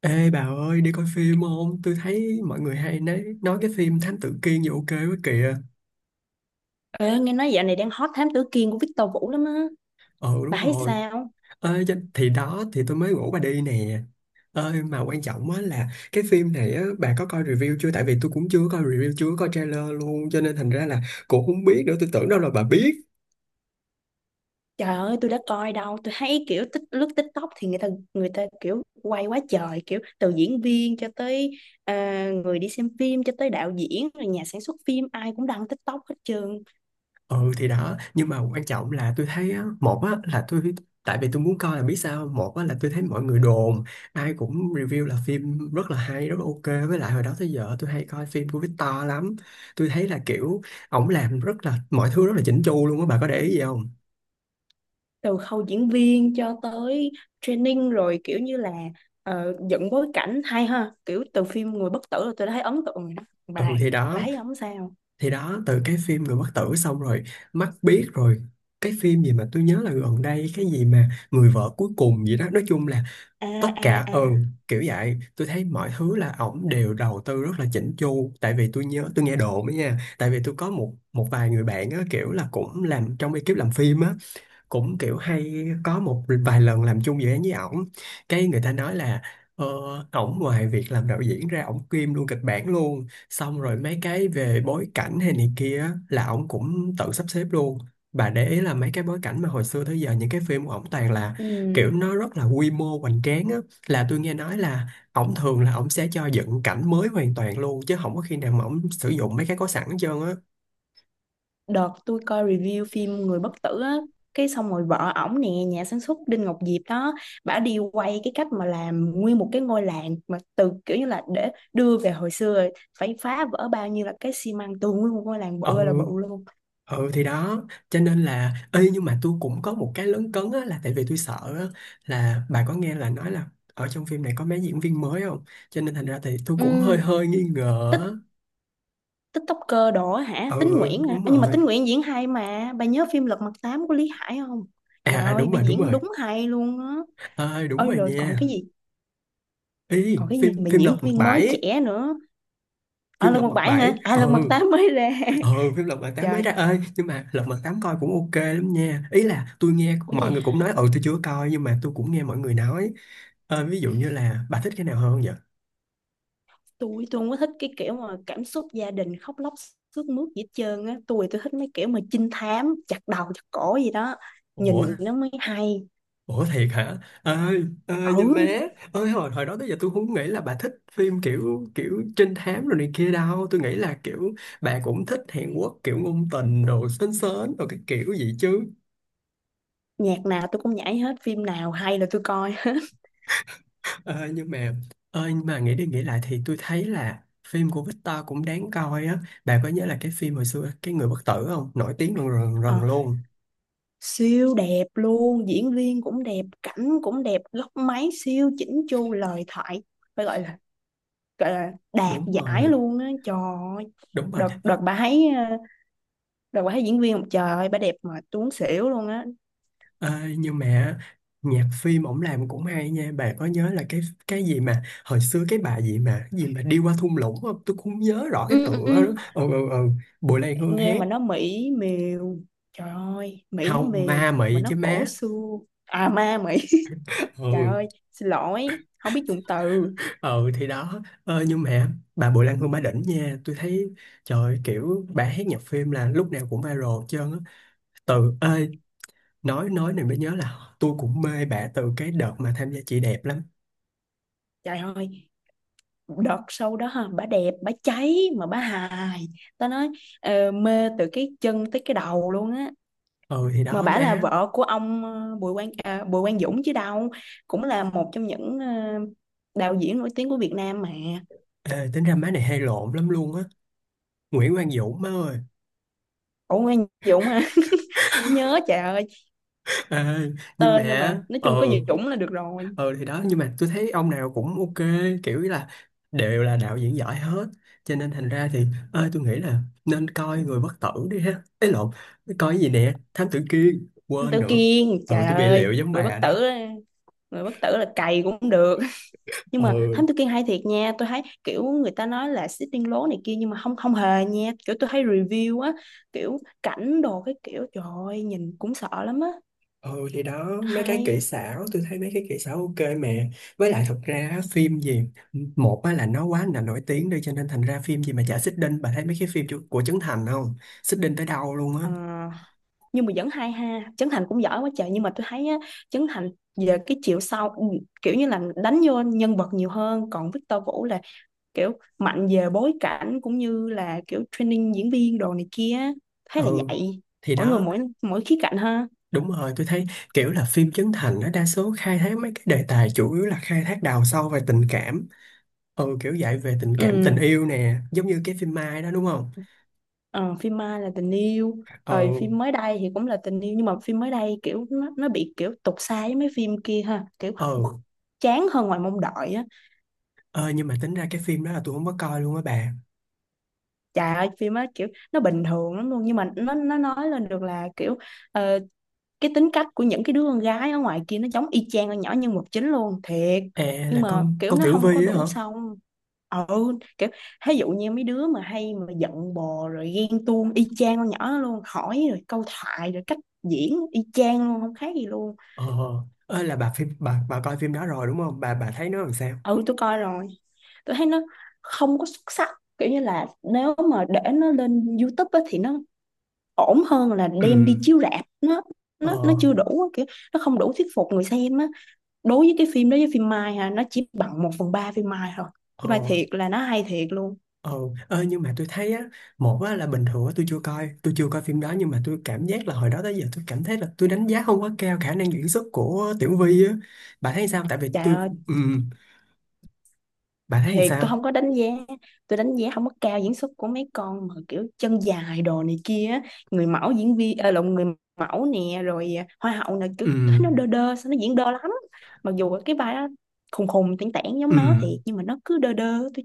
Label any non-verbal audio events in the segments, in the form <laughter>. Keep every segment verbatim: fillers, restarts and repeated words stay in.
Ê bà ơi, đi coi phim không? Tôi thấy mọi người hay nói, nói cái phim Thám Tử Kiên gì ok quá kìa. Ê, nghe nói dạo này đang hot Thám Tử Kiên của Victor Vũ lắm á. Ừ Bà đúng thấy rồi. sao? Ê, cho- thì đó, thì tôi mới rủ bà đi nè. Ơi mà quan trọng á là cái phim này á, bà có coi review chưa? Tại vì tôi cũng chưa có coi review, chưa có coi trailer luôn. Cho nên thành ra là cũng không biết nữa. Tôi tưởng đâu là bà biết. Trời ơi, tôi đã coi đâu. Tôi thấy kiểu tích lướt TikTok thì người ta người ta kiểu quay quá trời, kiểu từ diễn viên cho tới à, người đi xem phim cho tới đạo diễn rồi nhà sản xuất phim ai cũng đăng TikTok hết trơn. Ừ thì đó, nhưng mà quan trọng là tôi thấy á, một á là tôi, tại vì tôi muốn coi là biết sao, một á là tôi thấy mọi người đồn ai cũng review là phim rất là hay, rất là ok. Với lại hồi đó tới giờ tôi hay coi phim của Victor lắm, tôi thấy là kiểu ổng làm rất là, mọi thứ rất là chỉnh chu luôn á. Bà có để ý gì không? Từ khâu diễn viên cho tới training rồi kiểu như là ờ, dựng bối cảnh hay ha. Kiểu từ phim Người Bất Tử là tôi đã thấy ấn tượng rồi đó. Bà, Ừ thì bà đó, thấy không sao? thì đó, từ cái phim Người Bất Tử xong rồi mắt biết rồi, cái phim gì mà tôi nhớ là gần đây, cái gì mà Người Vợ Cuối Cùng gì đó. Nói chung là À tất à cả, à. ừ, kiểu vậy. Tôi thấy mọi thứ là ổng đều đầu tư rất là chỉnh chu. Tại vì tôi nhớ, tôi nghe đồn ấy nha, tại vì tôi có một một vài người bạn á, kiểu là cũng làm trong ekip làm phim á, cũng kiểu hay có một vài lần làm chung dự án với ổng. Cái người ta nói là ờ, ổng ngoài việc làm đạo diễn ra, ổng kiêm luôn kịch bản luôn, xong rồi mấy cái về bối cảnh hay này kia á, là ổng cũng tự sắp xếp luôn. Bà để ý là mấy cái bối cảnh mà hồi xưa tới giờ những cái phim của ổng toàn là Ừ. kiểu nó rất là quy mô, hoành tráng á. Là tôi nghe nói là ổng thường là ổng sẽ cho dựng cảnh mới hoàn toàn luôn, chứ không có khi nào mà ổng sử dụng mấy cái có sẵn hết trơn á. Đợt tôi coi review phim Người bất tử á, cái xong rồi vợ ổng nè, nhà sản xuất Đinh Ngọc Diệp đó, bả đi quay cái cách mà làm nguyên một cái ngôi làng mà từ kiểu như là để đưa về hồi xưa rồi, phải phá vỡ bao nhiêu là cái xi măng tường nguyên một ngôi làng bự Ừ, ơi là bự luôn. ừ thì đó, cho nên là, ê, nhưng mà tôi cũng có một cái lấn cấn á, là tại vì tôi sợ á, là bà có nghe là nói là ở trong phim này có mấy diễn viên mới không, cho nên thành ra thì tôi cũng hơi Ừ, hơi nghi ngờ tích á. TikToker đỏ hả, Ừ Tín Nguyễn hả? Ơ, đúng nhưng mà rồi. Tín Nguyễn diễn hay mà, bà nhớ phim Lật Mặt Tám của Lý Hải không? À, Trời à ơi đúng bà rồi, đúng diễn rồi. đúng hay luôn á. Ơi đúng Ôi rồi rồi còn nha. cái gì, Ý, còn cái gì phim mà phim diễn Lật Mặt viên mới Bảy. trẻ nữa ở Phim Lật Lật Mặt Mặt Bảy Bảy, hả? À Lật Mặt ừ. Tám mới ra Ừ, <laughs> phim Lật Mặt Tám mới trời, ra. Ơi nhưng mà Lật Mặt Tám coi cũng ok lắm nha. Ý là tôi nghe ủa mọi người gì, cũng nói, ừ, tôi chưa coi nhưng mà tôi cũng nghe mọi người nói. Ờ, ví dụ như là bà thích cái nào hơn vậy? tôi tôi không có thích cái kiểu mà cảm xúc gia đình khóc lóc sướt mướt gì hết trơn á, tôi tôi thích mấy kiểu mà trinh thám chặt đầu chặt cổ gì đó, nhìn Ủa. vậy nó mới hay. Ủa thiệt hả? Ơi, ơi nha Ừ, má. Ơi, hồi hồi đó tới giờ tôi không nghĩ là bà thích phim kiểu kiểu trinh thám rồi này kia đâu. Tôi nghĩ là kiểu bà cũng thích Hàn Quốc, kiểu ngôn tình rồi sến sến rồi cái kiểu gì chứ. nhạc nào tôi cũng nhảy hết, phim nào hay là tôi coi hết <laughs> Ơi nhưng mà, ơi nhưng mà nghĩ đi nghĩ lại thì tôi thấy là phim của Victor cũng đáng coi á. Bà có nhớ là cái phim hồi xưa, cái Người Bất Tử không? Nổi tiếng rần rần, Ờ, rần luôn. siêu đẹp luôn, diễn viên cũng đẹp, cảnh cũng đẹp, góc máy siêu chỉnh chu, lời thoại phải gọi là, gọi là đạt Đúng giải rồi, luôn á trời ơi. đúng rồi. Đợt Ờ. đợt bà thấy ờ, đợt bà thấy diễn viên một, trời ơi bà đẹp mà tuấn xỉu luôn á. Ê, nhưng mà nhạc phim ổng làm cũng hay nha. Bà có nhớ là cái cái gì mà hồi xưa, cái bà gì mà cái gì mà đi qua thung lũng không, tôi cũng không nhớ rõ Ừ, cái ừ, tựa ừ. đó. Ừ, ừ, ừ. Bùi Lan Hương Nghe hát. mà nó mỹ miều, trời ơi mỹ Không, miều ma mà mị nó chứ cổ má. xưa. À ma mỹ <laughs> <laughs> trời Ừ. ơi xin lỗi, không biết dùng từ. Ừ thì đó. Ờ, nhưng mà bà Bùi Lan Hương bà đỉnh nha, tôi thấy. Trời ơi, kiểu bà hát nhạc phim là lúc nào cũng viral hết trơn á. Từ ơi Nói, nói này mới nhớ là tôi cũng mê bà từ cái đợt mà tham gia Chị Đẹp lắm. Trời ơi đợt sau đó ha, bà đẹp bà cháy mà bà hài, tao nói, ờ, mê từ cái chân tới cái đầu luôn á. Ừ thì Mà đó bả là má. vợ của ông ờ, Bùi Quang, à, Bùi Quang Dũng chứ đâu, cũng là một trong những ờ, đạo diễn nổi tiếng của Việt Nam mà. Ê, tính ra má này hay lộn lắm luôn á. Nguyễn Quang Dũng, má ơi. Ủa Quang Dũng à <laughs> nhớ trời ơi, Ê, nhưng tên thôi mà, mà nói ờ chung có Dũng là được rồi. ờ thì đó, nhưng mà tôi thấy ông nào cũng ok, kiểu là đều là đạo diễn giỏi hết. Cho nên thành ra thì ơi, tôi nghĩ là nên coi Người Bất Tử đi ha. Ấy lộn, coi cái gì nè, Thám Tử Kiên, Anh quên Tử nữa. Kiên, Ờ trời tôi bị liệu ơi giống người bất bà đó. tử, người bất tử là cày cũng được <laughs> nhưng Ờ. mà Thám Tử Kiên hay thiệt nha, tôi thấy kiểu người ta nói là xích Sitting lố này kia nhưng mà không không hề nha, kiểu tôi thấy review á, kiểu cảnh đồ cái kiểu trời ơi nhìn cũng sợ lắm á, Ừ thì đó, mấy cái kỹ hay. xảo tôi thấy mấy cái kỹ xảo ok mẹ. Với lại thật ra á, phim gì, một á là nó quá là nổi tiếng đi, cho nên thành ra phim gì mà chả xích đinh. Bà thấy mấy cái phim chu- của Trấn Thành không, xích đinh tới đâu luôn á. Ờ nhưng mà vẫn hay ha, Trấn Thành cũng giỏi quá trời nhưng mà tôi thấy á, Trấn Thành về cái chiều sau, ừ, kiểu như là đánh vô nhân vật nhiều hơn, còn Victor Vũ là kiểu mạnh về bối cảnh cũng như là kiểu training diễn viên đồ này kia, thấy là Ừ vậy. thì mỗi người đó. mỗi mỗi khía cạnh ha. Đúng rồi, tôi thấy kiểu là phim Trấn Thành nó đa số khai thác mấy cái đề tài chủ yếu là khai thác, đào sâu về tình cảm. Ừ, kiểu dạy về tình Ừ. cảm, tình yêu nè, giống như cái phim Mai đó đúng không. Ờ, phim Mai là tình yêu, rồi Ừ, phim mới đây thì cũng là tình yêu nhưng mà phim mới đây kiểu nó nó bị kiểu tục sai với mấy phim kia ha, kiểu không, ừ. chán hơn ngoài mong đợi á. Ờ nhưng mà tính ra cái phim đó là tôi không có coi luôn á bà. Trời ơi phim á kiểu nó bình thường lắm luôn nhưng mà nó nó nói lên được là kiểu ờ, cái tính cách của những cái đứa con gái ở ngoài kia nó giống y chang con nhỏ nhân vật chính luôn thiệt, À nhưng là mà con kiểu con nó Tiểu không có Vy á hả? đủ xong. Ừ, kiểu ví dụ như mấy đứa mà hay mà giận bò rồi ghen tuông y chang con nhỏ đó luôn, hỏi rồi câu thoại rồi cách diễn y chang luôn không khác gì luôn. Ờ, ơ là bà, phim, bà bà coi phim đó rồi đúng không? Bà bà thấy nó làm sao? Ừ tôi coi rồi, tôi thấy nó không có xuất sắc, kiểu như là nếu mà để nó lên YouTube á, thì nó ổn hơn là Ừ. đem đi chiếu rạp, nó nó nó Ờ, chưa đủ, kiểu nó không đủ thuyết phục người xem á. Đối với cái phim đó với phim Mai ha, nó chỉ bằng một phần ba phim Mai thôi, ờ, phim Mai thiệt là nó hay thiệt luôn. ờ, ơ nhưng mà tôi thấy á, một á là bình thường á, tôi chưa coi, tôi chưa coi phim đó, nhưng mà tôi cảm giác là hồi đó tới giờ tôi cảm thấy là tôi đánh giá không quá cao khả năng diễn xuất của Tiểu Vy á. Bà thấy sao? Tại vì Trời tôi, ơi, ừ, bà thấy thiệt tôi không sao? có đánh giá, tôi đánh giá không có cao diễn xuất của mấy con mà kiểu chân dài đồ này kia á. Người mẫu diễn viên, ờ, lộn, người mẫu nè, rồi à, hoa hậu nè, kiểu Ừ, thấy nó đơ đơ sao, nó diễn đơ lắm. Mặc dù cái vai đó khùng khùng tẻn tảng giống ừ, nó thiệt nhưng mà nó cứ đơ đơ, tôi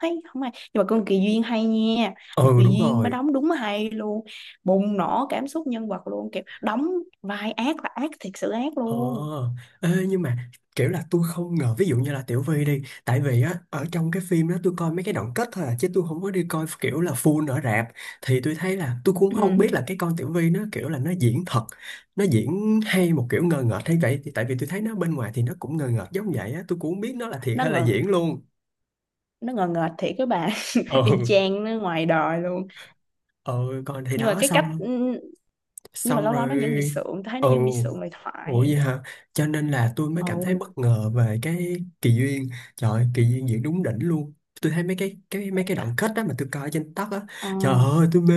thấy không ai, nhưng mà con Kỳ Duyên hay nha. Mà ừ Kỳ đúng Duyên bà rồi. đóng đúng hay luôn, bùng nổ cảm xúc nhân vật luôn, kiểu đóng vai ác là ác thiệt sự ác Ờ, luôn. ê, nhưng mà kiểu là tôi không ngờ ví dụ như là Tiểu Vy đi, tại vì á ở trong cái phim đó tôi coi mấy cái đoạn kết thôi à, chứ tôi không có đi coi kiểu là full ở rạp. Thì tôi thấy là tôi cũng không Ừ. biết là cái con Tiểu Vy nó kiểu là nó diễn thật, nó diễn hay một kiểu ngờ ngợt hay vậy. Thì tại vì tôi thấy nó bên ngoài thì nó cũng ngờ ngợt giống vậy á, tôi cũng không biết nó là thiệt nó hay là ngờ diễn luôn. nó ngờ ngợt thiệt các bạn, <laughs> y Ừ, chang nó ngoài đời luôn. ừ còn thì Nhưng mà đó, cái cách, xong, nhưng mà xong lâu lâu nó vẫn bị rồi, sượng, thấy ừ. nó vẫn bị sượng lời Ủa vậy thoại. hả? Cho nên là tôi mới Ồ. cảm thấy bất ngờ về cái Kỳ Duyên. Trời ơi, Kỳ Duyên diễn đúng đỉnh luôn. Tôi thấy mấy cái cái mấy cái đoạn kết đó mà tôi coi trên TikTok á. Ờ, Trời ơi tôi mê.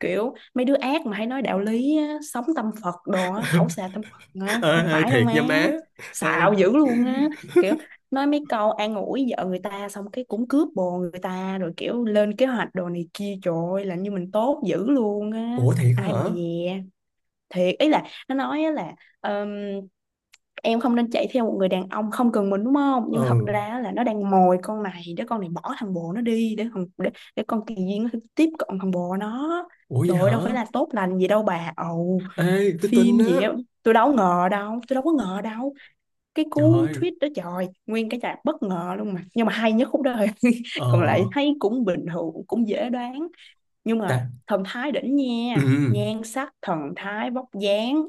kiểu mấy đứa ác mà hay nói đạo lý á, sống tâm Phật đồ á, khẩu <laughs> xà tâm Phật á Ê, không ê, phải đâu thiệt má, nha má. Ê, xạo dữ luôn á, kiểu nói mấy câu an ủi vợ người ta xong cái cũng cướp bồ người ta rồi kiểu lên kế hoạch đồ này kia, trời ơi làm như mình tốt dữ luôn á, ủa thiệt á ai mà hả? dè. Thiệt ý là nó nói á là ờm, em không nên chạy theo một người đàn ông không cần mình đúng không, nhưng mà thật Ừ. ra là nó đang mồi con này để con này bỏ thằng bồ nó đi, để thằng để, để con kỳ duyên nó tiếp cận thằng bồ nó. Ủa vậy Trời ơi, hả? đâu phải là tốt lành gì đâu bà ầu. Ê tôi tin Phim á. gì á, tôi đâu ngờ đâu tôi đâu có ngờ đâu, cái Trời cú ơi. tweet đó trời nguyên cái chạc bất ngờ luôn, mà nhưng mà hay nhất khúc đó thôi <laughs> Ờ. còn lại thấy cũng bình thường cũng dễ đoán. Nhưng mà Tại, thần thái đỉnh ừ. nha, nhan sắc thần thái vóc dáng,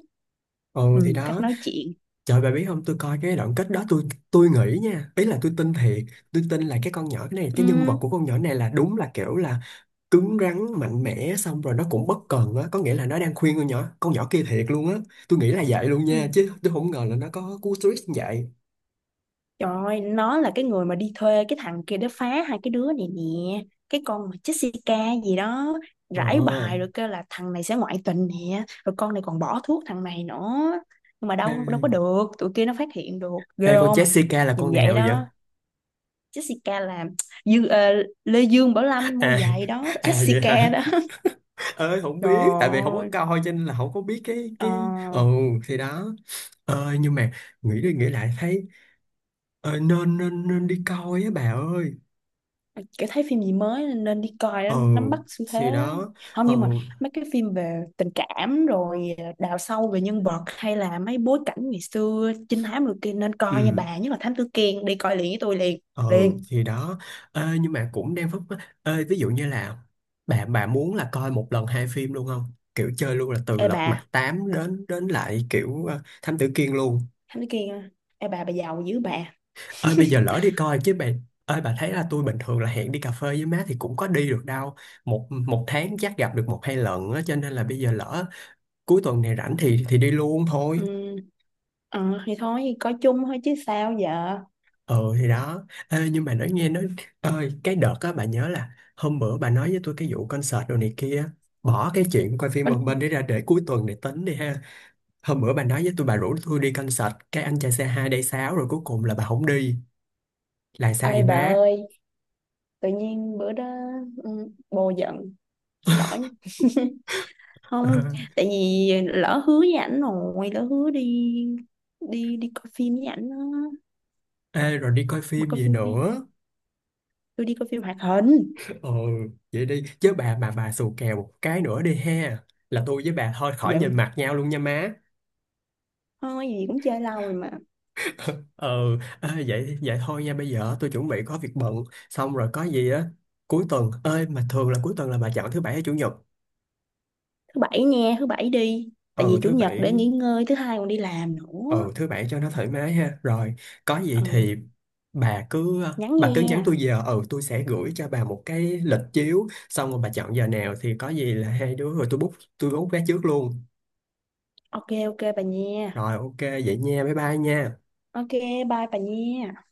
Ừ thì ừ, cách đó. nói chuyện. Trời bà biết không, tôi coi cái đoạn kết đó tôi, tôi nghĩ nha. Ý là tôi tin thiệt. Tôi tin là cái con nhỏ, cái này, cái nhân Ừ. vật của con nhỏ này là đúng là kiểu là cứng rắn, mạnh mẽ, xong rồi nó cũng bất cần á. Có nghĩa là nó đang khuyên con nhỏ, con nhỏ kia thiệt luôn á. Tôi nghĩ là vậy luôn nha, Ừ. chứ tôi không ngờ là nó có cú twist như vậy. Trời ơi, nó là cái người mà đi thuê cái thằng kia để phá hai cái đứa này nè. Cái con mà Jessica gì đó, Ờ. rải bài rồi kêu là thằng này sẽ ngoại tình nè, rồi con này còn bỏ thuốc thằng này nữa. Nhưng mà Ê, đâu đâu có được, tụi kia nó phát hiện được. Ghê ê con không? Jessica là Nhìn con vậy nào vậy? đó. Jessica là <tsk> Dương, ờ, Lê Dương Bảo Lâm mua À, giày đó, à vậy hả. Jessica đó. Ơi <laughs> không Trời biết, tại vì không có ơi. coi cho nên là không có biết cái Ờ, cái ừ thì đó. Ờ nhưng mà nghĩ đi nghĩ lại thấy ờ, nên nên nên đi coi á bà ơi. kiểu thấy phim gì mới nên đi coi đó, Ờ nắm bắt xu thế. thì đó. Không Ờ. nhưng mà mấy cái phim về tình cảm rồi ờ, đào sâu về nhân vật hay là mấy bối cảnh ngày xưa trinh thám rồi kia nên coi nha Ừ. bà, nhất là Thám Tử Kiên, đi coi liền với tôi liền, Ừ liền. thì đó. Ê, nhưng mà cũng đang phức, ê, ví dụ như là bà bà muốn là coi một lần hai phim luôn không, kiểu chơi luôn là từ Ê Lật bà, Mặt Tám đến đến lại kiểu ờ, Thám Tử Kiên luôn. Thám Tử Kiên à? Ê bà bà giàu dữ bà. Ơi bây giờ lỡ đi coi chứ bà. Ơi bà thấy là tôi bình thường là hẹn đi cà phê với má thì cũng có đi được đâu, một một tháng chắc gặp được một hai lần á. Cho nên là bây giờ lỡ cuối tuần này rảnh thì thì đi luôn thôi. Ừ. Ờ thì thôi coi chung thôi chứ sao giờ. Ừ thì đó. Ê, nhưng mà nói, nghe nói ơi cái đợt á bà nhớ là hôm bữa bà nói với tôi cái vụ concert đồ này kia, bỏ cái chuyện coi phim một bên Con để ra, để cuối tuần để tính đi ha. Hôm bữa bà nói với tôi, bà rủ tôi đi concert cái anh trai xê hai day sáu rồi cuối cùng là bà không đi, là sao ơi vậy bà má? ơi, tự nhiên bữa đó, ừ, bồ giận, xin lỗi <laughs> Ờ, không, tại vì lỡ hứa với ảnh rồi, lỡ hứa đi đi đi coi phim với ảnh đó. ê, rồi đi coi Mà phim coi gì phim khác, nữa? tôi đi coi phim hoạt hình. Ừ, vậy đi chứ bà, mà bà xù kèo một cái nữa đi ha là tôi với bà thôi khỏi nhìn Giận mặt nhau luôn nha má. thôi gì, cũng chơi lâu rồi mà. Ừ. À, vậy vậy thôi nha, bây giờ tôi chuẩn bị có việc bận, xong rồi có gì á cuối tuần, ơi mà thường là cuối tuần là bà chọn thứ bảy hay chủ nhật? Thứ bảy nha, thứ bảy đi, tại Ừ vì chủ thứ nhật để bảy. nghỉ ngơi, thứ hai còn đi làm nữa. Ừ thứ bảy cho nó thoải mái ha. Rồi có gì Ừ, thì bà cứ, nhắn bà cứ nhắn tôi nha. giờ, ừ tôi sẽ gửi cho bà một cái lịch chiếu, xong rồi bà chọn giờ nào thì có gì là hai đứa, rồi tôi book tôi book vé trước luôn. Ok ok bà nha. Rồi, ok vậy nha, bye bye nha. Ok bye bà nha.